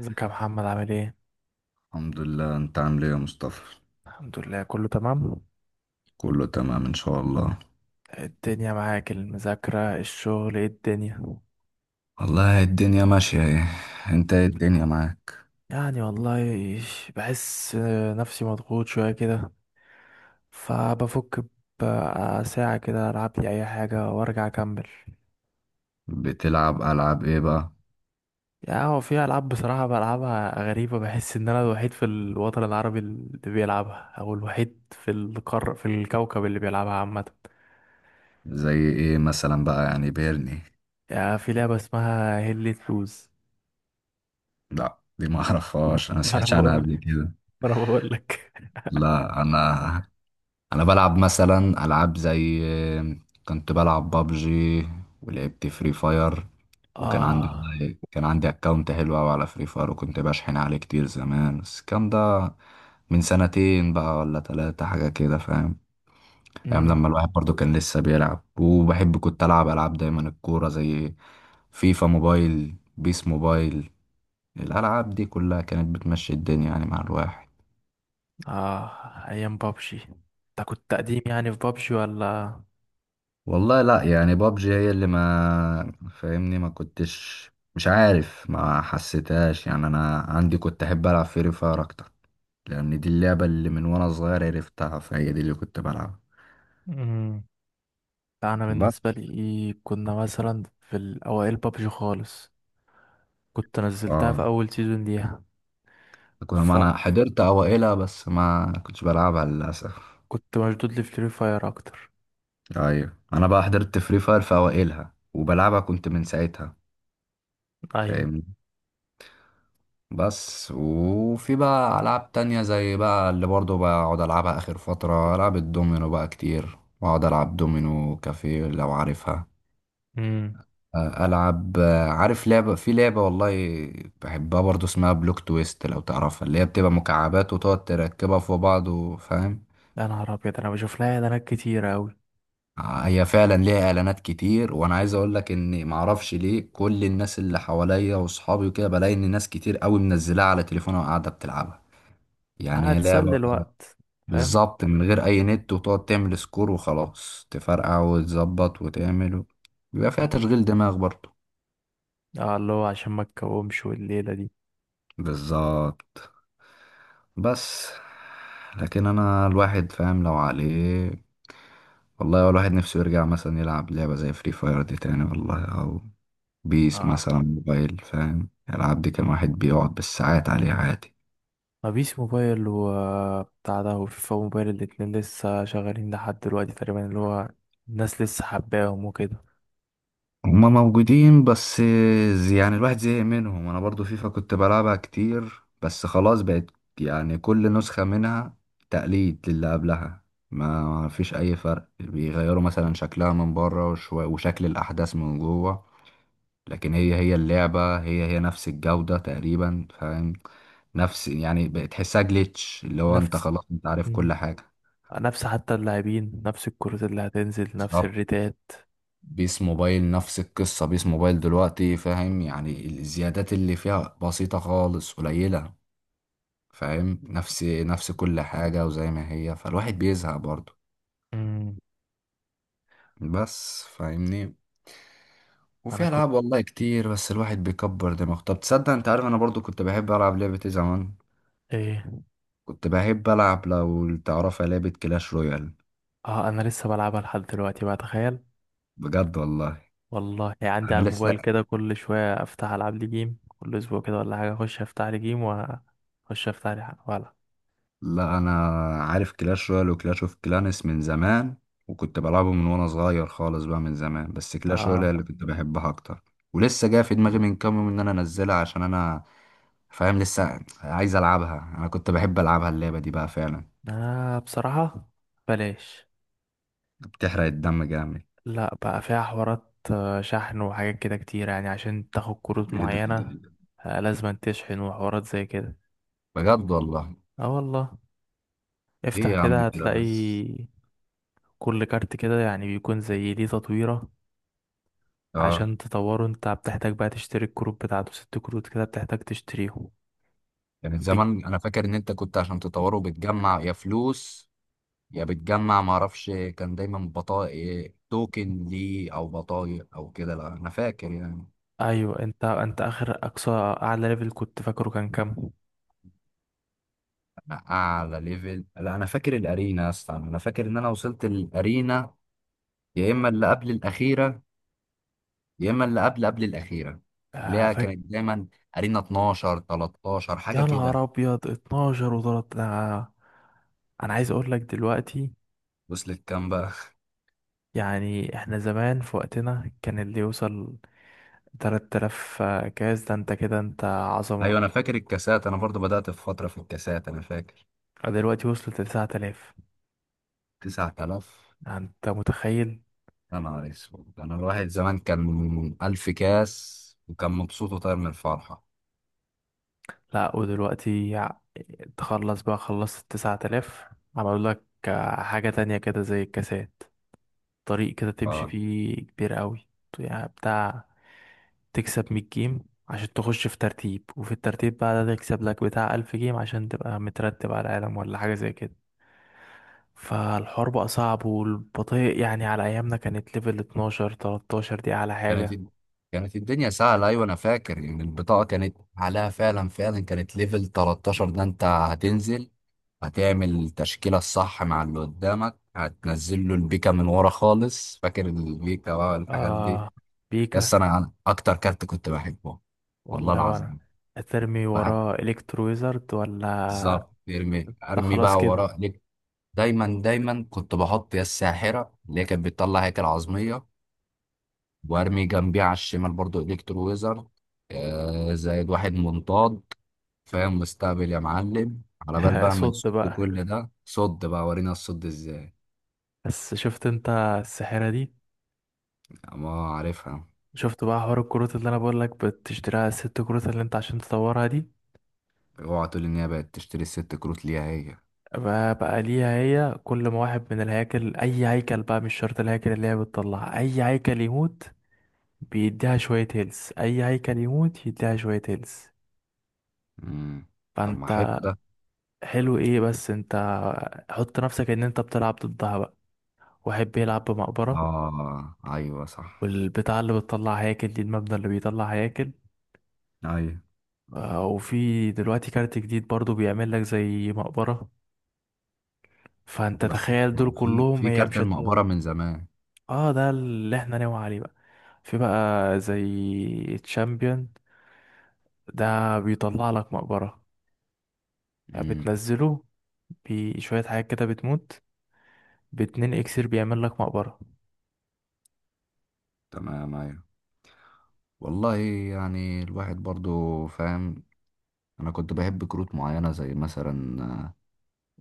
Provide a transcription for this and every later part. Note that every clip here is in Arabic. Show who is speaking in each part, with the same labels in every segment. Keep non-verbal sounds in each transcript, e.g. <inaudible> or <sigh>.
Speaker 1: ازيك يا محمد عامل ايه؟
Speaker 2: الحمد لله، انت عامل ايه يا مصطفى؟
Speaker 1: الحمد لله، كله تمام.
Speaker 2: كله تمام ان شاء الله.
Speaker 1: الدنيا معاك، المذاكرة، الشغل، ايه الدنيا؟
Speaker 2: والله الدنيا ماشية، ايه انت؟ ايه الدنيا معاك؟
Speaker 1: يعني والله، بحس نفسي مضغوط شوية كده، فبفك بقى ساعة كده ألعب لي أي حاجة وأرجع أكمل.
Speaker 2: بتلعب العاب ايه بقى؟
Speaker 1: يعني هو في ألعاب بصراحة بلعبها غريبة، بحس إن أنا الوحيد في الوطن العربي اللي بيلعبها، أو الوحيد في الكوكب اللي بيلعبها عامة.
Speaker 2: زي ايه مثلا بقى، يعني بيرني؟
Speaker 1: يعني في لعبة اسمها هيل لوز.
Speaker 2: لا، دي ما اعرفهاش. انا ما
Speaker 1: <laughs> ما أنا
Speaker 2: سمعتش عنها
Speaker 1: بقول
Speaker 2: قبل
Speaker 1: لك،
Speaker 2: كده.
Speaker 1: ما أنا بقول لك.
Speaker 2: لا، انا بلعب مثلا العاب زي، كنت بلعب بابجي، ولعبت فري فاير.
Speaker 1: <laughs>
Speaker 2: وكان عندي،
Speaker 1: آه.
Speaker 2: والله كان عندي اكونت حلو قوي على فري فاير، وكنت بشحن عليه كتير زمان، بس الكلام ده من سنتين بقى ولا ثلاثة حاجة كده، فاهم. ايام
Speaker 1: امم
Speaker 2: لما الواحد برضو كان لسه بيلعب وبحب، كنت العب العاب دايما الكورة، زي فيفا موبايل، بيس موبايل. الالعاب دي كلها كانت بتمشي الدنيا يعني مع الواحد.
Speaker 1: اه، ايام بابجي. انت كنت قديم يعني في بابجي ولا؟
Speaker 2: والله لا، يعني بابجي هي اللي ما فاهمني، ما كنتش مش عارف، ما حسيتهاش يعني. انا عندي كنت احب العب فري فاير اكتر، لان دي اللعبه اللي من وانا صغير عرفتها، فهي دي اللي كنت بلعبها.
Speaker 1: امم لا، انا
Speaker 2: بس
Speaker 1: بالنسبه لي كنا مثلا في الاوائل بابجي خالص. كنت نزلتها في
Speaker 2: اه
Speaker 1: اول سيزون ليها.
Speaker 2: كنت، ما
Speaker 1: فكنت
Speaker 2: انا حضرت اوائلها بس ما كنتش بلعبها للاسف.
Speaker 1: مشدود لفري فاير اكتر.
Speaker 2: ايوه، انا بقى حضرت فري فاير في اوائلها، وبلعبها كنت من ساعتها،
Speaker 1: ايوه.
Speaker 2: فاهمني. بس وفي بقى ألعاب تانية زي بقى اللي برضه بقعد ألعبها آخر فترة، ألعاب الدومينو بقى كتير، بقعد ألعب دومينو كافيه لو عارفها.
Speaker 1: امم
Speaker 2: آه، ألعب. عارف لعبة، في لعبة والله بحبها برضه، اسمها بلوك تويست لو تعرفها، اللي هي بتبقى مكعبات وتقعد تركبها في بعض، وفاهم.
Speaker 1: يا نهار ابيض، انا بشوف لها اعلانات كتيره قوي.
Speaker 2: آه، هي فعلا ليها إعلانات كتير، وأنا عايز أقولك إن معرفش ليه كل الناس اللي حواليا وصحابي وكده بلاقي إن ناس كتير أوي منزلاها على تليفونها وقاعدة بتلعبها. يعني هي
Speaker 1: هتسلي
Speaker 2: لعبة
Speaker 1: الوقت، فاهم.
Speaker 2: بالظبط من غير اي نت، وتقعد تعمل سكور وخلاص تفرقع وتظبط وتعمل بيبقى فيها تشغيل دماغ برضه.
Speaker 1: اه، اللي هو عشان ما تكومش والليله دي.
Speaker 2: بالظبط. بس لكن انا الواحد فاهم لو عليه، والله هو الواحد نفسه يرجع مثلا يلعب لعبة زي فري فاير دي تاني والله، او بيس
Speaker 1: اه،
Speaker 2: مثلا موبايل، فاهم الالعاب دي، كان واحد بيقعد بالساعات عليها عادي.
Speaker 1: ما فيش موبايل وبتاع ده، وفيفا موبايل الاتنين لسه شغالين لحد دلوقتي تقريبا، اللي هو الناس لسه حباهم وكده.
Speaker 2: هما موجودين، بس يعني الواحد زهق منهم. انا برضو فيفا كنت بلعبها كتير، بس خلاص بقت يعني كل نسخة منها تقليد للي قبلها، ما فيش اي فرق، بيغيروا مثلا شكلها من بره وشكل الاحداث من جوه، لكن هي هي اللعبة، هي هي نفس الجودة تقريبا، فاهم، نفس يعني بتحسها جليتش، اللي هو انت
Speaker 1: نفس.
Speaker 2: خلاص انت عارف
Speaker 1: مم.
Speaker 2: كل حاجة.
Speaker 1: نفس حتى اللاعبين، نفس الكروت اللي هتنزل، نفس
Speaker 2: بالظبط.
Speaker 1: الريتات.
Speaker 2: بيس موبايل نفس القصة. بيس موبايل دلوقتي فاهم يعني الزيادات اللي فيها بسيطة خالص، قليلة، فاهم، نفس نفس كل حاجة وزي ما هي، فالواحد بيزهق برضه،
Speaker 1: امم
Speaker 2: بس فاهمني.
Speaker 1: انا
Speaker 2: وفي
Speaker 1: كنت
Speaker 2: ألعاب والله كتير، بس الواحد بيكبر دماغه. طب تصدق، انت عارف انا برضو كنت بحب ألعب لعبة ايه زمان،
Speaker 1: ايه؟
Speaker 2: كنت بحب ألعب لو تعرفها لعبة كلاش رويال.
Speaker 1: اه، انا لسه بلعبها لحد دلوقتي بقى، تخيل.
Speaker 2: بجد والله.
Speaker 1: والله يعني عندي
Speaker 2: انا
Speaker 1: على
Speaker 2: لسه
Speaker 1: الموبايل كده، كل شويه افتح العب لي جيم، كل اسبوع كده ولا حاجه اخش افتح لي جيم واخش افتح لي حاجه ولا.
Speaker 2: لا، انا عارف كلاش رويال وكلاش اوف كلانس من زمان، وكنت بلعبه من وانا صغير خالص بقى من زمان، بس كلاش رويال هي
Speaker 1: اه،
Speaker 2: اللي كنت بحبها اكتر، ولسه جايه في دماغي من كام يوم ان انا انزلها، عشان انا فاهم لسه عايز العبها، انا كنت بحب العبها اللعبه دي بقى فعلا.
Speaker 1: انا بصراحه، بلاش.
Speaker 2: بتحرق الدم جامد.
Speaker 1: لا بقى، فيها حوارات شحن وحاجات كده كتير، يعني عشان تاخد كروت
Speaker 2: ايه ده، ايه ده،
Speaker 1: معينة.
Speaker 2: إيه ده؟
Speaker 1: آه، لازم تشحن وحوارات زي كده.
Speaker 2: بجد والله.
Speaker 1: اه والله.
Speaker 2: ايه
Speaker 1: افتح
Speaker 2: يا عم
Speaker 1: كده
Speaker 2: كده
Speaker 1: هتلاقي.
Speaker 2: بس.
Speaker 1: كل كارت كده يعني بيكون زي ليه تطويرة.
Speaker 2: اه،
Speaker 1: عشان تطوره انت بتحتاج بقى تشتري الكروت بتاعته، ست كروت كده بتحتاج تشتريهم.
Speaker 2: يعني
Speaker 1: بك...
Speaker 2: زمان انا فاكر ان انت كنت عشان تطوره بتجمع يا فلوس، يا بتجمع معرفش، كان دايما بطايق توكن ليه او بطايق او كده، لا انا فاكر يعني.
Speaker 1: ايوه، انت اخر اقصى اعلى ليفل كنت فاكره كان كام؟
Speaker 2: أنا اعلى ليفل، لا انا فاكر الارينا، يا اسطى انا فاكر ان انا وصلت الارينا، يا اما اللي قبل الاخيره، يا اما اللي قبل قبل الاخيره، اللي
Speaker 1: آه
Speaker 2: هي
Speaker 1: فاك...
Speaker 2: كانت دايما ارينا 12 13
Speaker 1: يا
Speaker 2: حاجه
Speaker 1: نهار
Speaker 2: كده.
Speaker 1: ابيض، 12 و3. انا عايز اقول لك دلوقتي،
Speaker 2: وصلت كام بقى؟
Speaker 1: يعني احنا زمان في وقتنا كان اللي يوصل 3000 كاس ده، انت كده انت
Speaker 2: <laughs> ايوه،
Speaker 1: عظمة.
Speaker 2: انا فاكر الكاسات، انا برضو بدات في فتره في الكاسات انا فاكر.
Speaker 1: دلوقتي وصلت لتسعة آلاف.
Speaker 2: 9000.
Speaker 1: يعني انت متخيل؟
Speaker 2: يا نهار اسود، انا الواحد زمان كان 1000 كاس وكان مبسوط وطاير من الفرحه.
Speaker 1: لا ودلوقتي تخلص بقى، خلصت 9000. عملوا لك حاجة تانية كده زي الكاسات، طريق كده تمشي
Speaker 2: اه،
Speaker 1: فيه كبير قوي، يعني بتاع تكسب 100 جيم عشان تخش في ترتيب، وفي الترتيب بقى ده تكسب لك بتاع 1000 جيم عشان تبقى مترتب على العالم، ولا حاجة زي كده. فالحوار بقى صعب والبطيء. يعني على ايامنا كانت ليفل 12 13 دي اعلى
Speaker 2: كانت
Speaker 1: حاجة.
Speaker 2: كانت الدنيا سهلة. أيوة، أنا فاكر إن البطاقة كانت عليها فعلا فعلا، كانت ليفل 13، ده أنت هتنزل، هتعمل التشكيلة الصح مع اللي قدامك، هتنزل له البيكا من ورا خالص، فاكر البيكا بقى والحاجات دي.
Speaker 1: آه، بيكا.
Speaker 2: يس، أنا أكتر كارت كنت بحبه. والله
Speaker 1: والله وانا
Speaker 2: العظيم.
Speaker 1: هترمي
Speaker 2: بقى
Speaker 1: وراه الكترو ويزرد ولا؟
Speaker 2: بالظبط، ارمي
Speaker 1: ده
Speaker 2: ارمي
Speaker 1: خلاص
Speaker 2: بقى،
Speaker 1: كده.
Speaker 2: ورا ليه؟ دايما دايما كنت بحط يا الساحرة اللي هي كانت بتطلع هيكل عظمية، وارمي جنبيه على الشمال برضو الكترو ويزر، آه زائد واحد منطاد، فاهم، واستقبل يا معلم، على بال
Speaker 1: <laughs>
Speaker 2: بقى ما
Speaker 1: صد
Speaker 2: يصد
Speaker 1: بقى.
Speaker 2: كل ده. صد بقى، ورينا الصد ازاي.
Speaker 1: بس شفت انت السحرة دي.
Speaker 2: ما عارفها.
Speaker 1: شفت بقى حوار الكروت اللي انا بقول لك بتشتريها، الست كروت اللي انت عشان تطورها دي؟
Speaker 2: اوعى تقول ان هي بقت تشتري الست كروت ليها هي.
Speaker 1: بقى ليها هي، كل ما واحد من الهياكل، اي هيكل بقى، مش شرط الهياكل اللي هي بتطلع، اي هيكل يموت بيديها شوية هيلث، أي هيكل يموت يديها شوية هيلث.
Speaker 2: مم. طب ما حلو
Speaker 1: فأنت،
Speaker 2: ده.
Speaker 1: حلو إيه بس؟ أنت حط نفسك إن أنت بتلعب ضدها بقى، واحد بيلعب بمقبرة،
Speaker 2: اه، ايوه صح.
Speaker 1: والبتاع اللي بتطلع هياكل دي، المبنى اللي بيطلع هياكل.
Speaker 2: ايوه،
Speaker 1: آه، وفي دلوقتي كارت جديد برضو بيعمل لك زي مقبرة، فأنت
Speaker 2: بس
Speaker 1: تخيل
Speaker 2: ما
Speaker 1: دول
Speaker 2: هو في
Speaker 1: كلهم،
Speaker 2: في
Speaker 1: هي
Speaker 2: كارت
Speaker 1: مش هتموت.
Speaker 2: المقبره من زمان.
Speaker 1: اه، ده اللي احنا ناوي عليه بقى. في بقى زي تشامبيون، ده بيطلع لك مقبرة، يعني
Speaker 2: امم.
Speaker 1: بتنزله بشوية حاجات كده بتموت، باتنين اكسير بيعمل لك مقبرة.
Speaker 2: تمام، ايوه، والله يعني الواحد برضو فاهم. انا كنت بحب كروت معينه زي مثلا،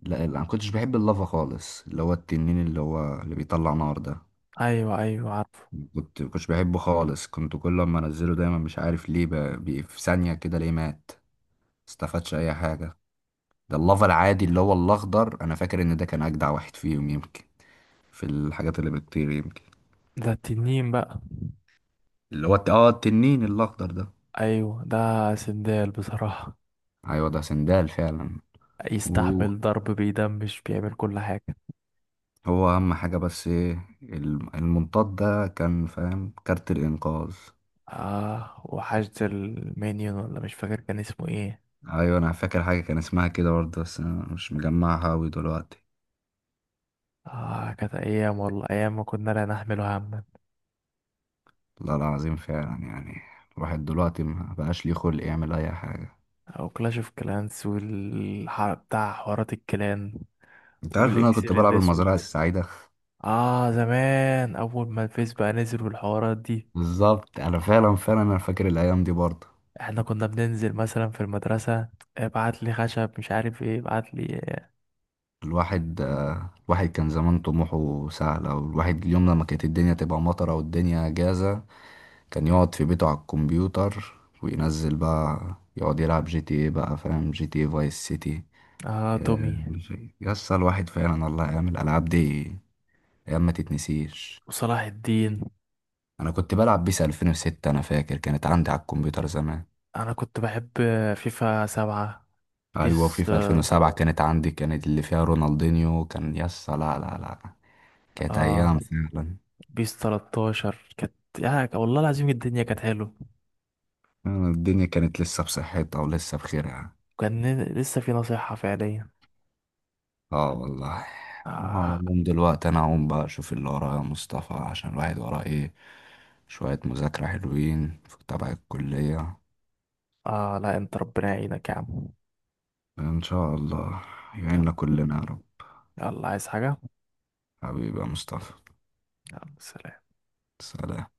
Speaker 2: لا لا، انا كنتش بحب اللافا خالص، اللي هو التنين اللي هو اللي بيطلع نار ده،
Speaker 1: ايوه، ايوه عارفه.
Speaker 2: كنتش بحبه خالص، كنت كل ما انزله دايما مش عارف ليه، في ثانية كده ليه مات، استفادش اي حاجة. ده اللافا العادي اللي هو الاخضر، انا فاكر ان ده كان اجدع واحد فيهم، يمكن في الحاجات اللي بتطير يمكن،
Speaker 1: ده التنين بقى.
Speaker 2: اللي هو التنين الاخضر ده.
Speaker 1: ايوه، ده سندال بصراحة،
Speaker 2: ايوه ده سندال فعلا. وهو
Speaker 1: يستحمل ضرب بيدمش بيعمل كل حاجة.
Speaker 2: اهم حاجة، بس ايه المنطاد ده كان فاهم كارت الانقاذ.
Speaker 1: اه، وحشد المينيون ولا، مش فاكر كان اسمه ايه.
Speaker 2: ايوه انا فاكر حاجه كان اسمها كده برضه، بس انا مش مجمعها اوي دلوقتي.
Speaker 1: اه، كانت ايام والله، ايام ما كنا لا نحمل هما.
Speaker 2: والله العظيم فعلا، يعني الواحد دلوقتي ما بقاش ليه خلق يعمل اي حاجه.
Speaker 1: او كلاش اوف كلانس والحرب بتاع حوارات الكلان.
Speaker 2: انت عارف ان انا كنت
Speaker 1: والاكسير
Speaker 2: بلعب المزرعه
Speaker 1: الاسود.
Speaker 2: السعيده.
Speaker 1: اه زمان، اول ما الفيس بقى نزل والحوارات دي.
Speaker 2: بالظبط، انا فعلا فعلا انا فاكر الايام دي برضه.
Speaker 1: احنا كنا بننزل مثلا في المدرسة، ابعت لي خشب، مش عارف ايه، ابعت لي.
Speaker 2: الواحد كان زمان طموحه سهل، او الواحد اليوم لما كانت الدنيا تبقى مطره والدنيا جازه، كان يقعد في بيته على الكمبيوتر وينزل بقى يقعد يلعب جي تي ايه بقى، فاهم، جي تي ايه فايس سيتي.
Speaker 1: اه، تومي.
Speaker 2: آه، يسطا الواحد فعلا والله ايام الالعاب دي، ايام ما تتنسيش.
Speaker 1: وصلاح الدين.
Speaker 2: انا كنت بلعب بيس 2006، انا فاكر كانت عندي على الكمبيوتر زمان.
Speaker 1: انا كنت بحب فيفا 7.
Speaker 2: ايوه، في
Speaker 1: بيس
Speaker 2: في 2007 كانت عندي، كانت اللي فيها رونالدينيو كان يسطا. لا لا لا. كانت
Speaker 1: اه
Speaker 2: ايام فعلا.
Speaker 1: بيس 13 كانت. يعني والله العظيم الدنيا كانت حلوة.
Speaker 2: فعلا الدنيا كانت لسه بصحتها ولسه بخيرها.
Speaker 1: وكان لسه في نصيحة فعليا.
Speaker 2: اه والله. أنا على
Speaker 1: اه.
Speaker 2: العموم دلوقتي انا هقوم بقى اشوف اللي ورايا يا مصطفى، عشان الواحد وراه ايه، شوية مذاكرة حلوين في تبع الكلية.
Speaker 1: اه لا، انت ربنا يعينك يا عم.
Speaker 2: إن شاء الله
Speaker 1: يلا.
Speaker 2: يعيننا كلنا يا رب.
Speaker 1: يلا، عايز حاجة؟
Speaker 2: حبيبي يا مصطفى.
Speaker 1: يلا، سلام.
Speaker 2: سلام.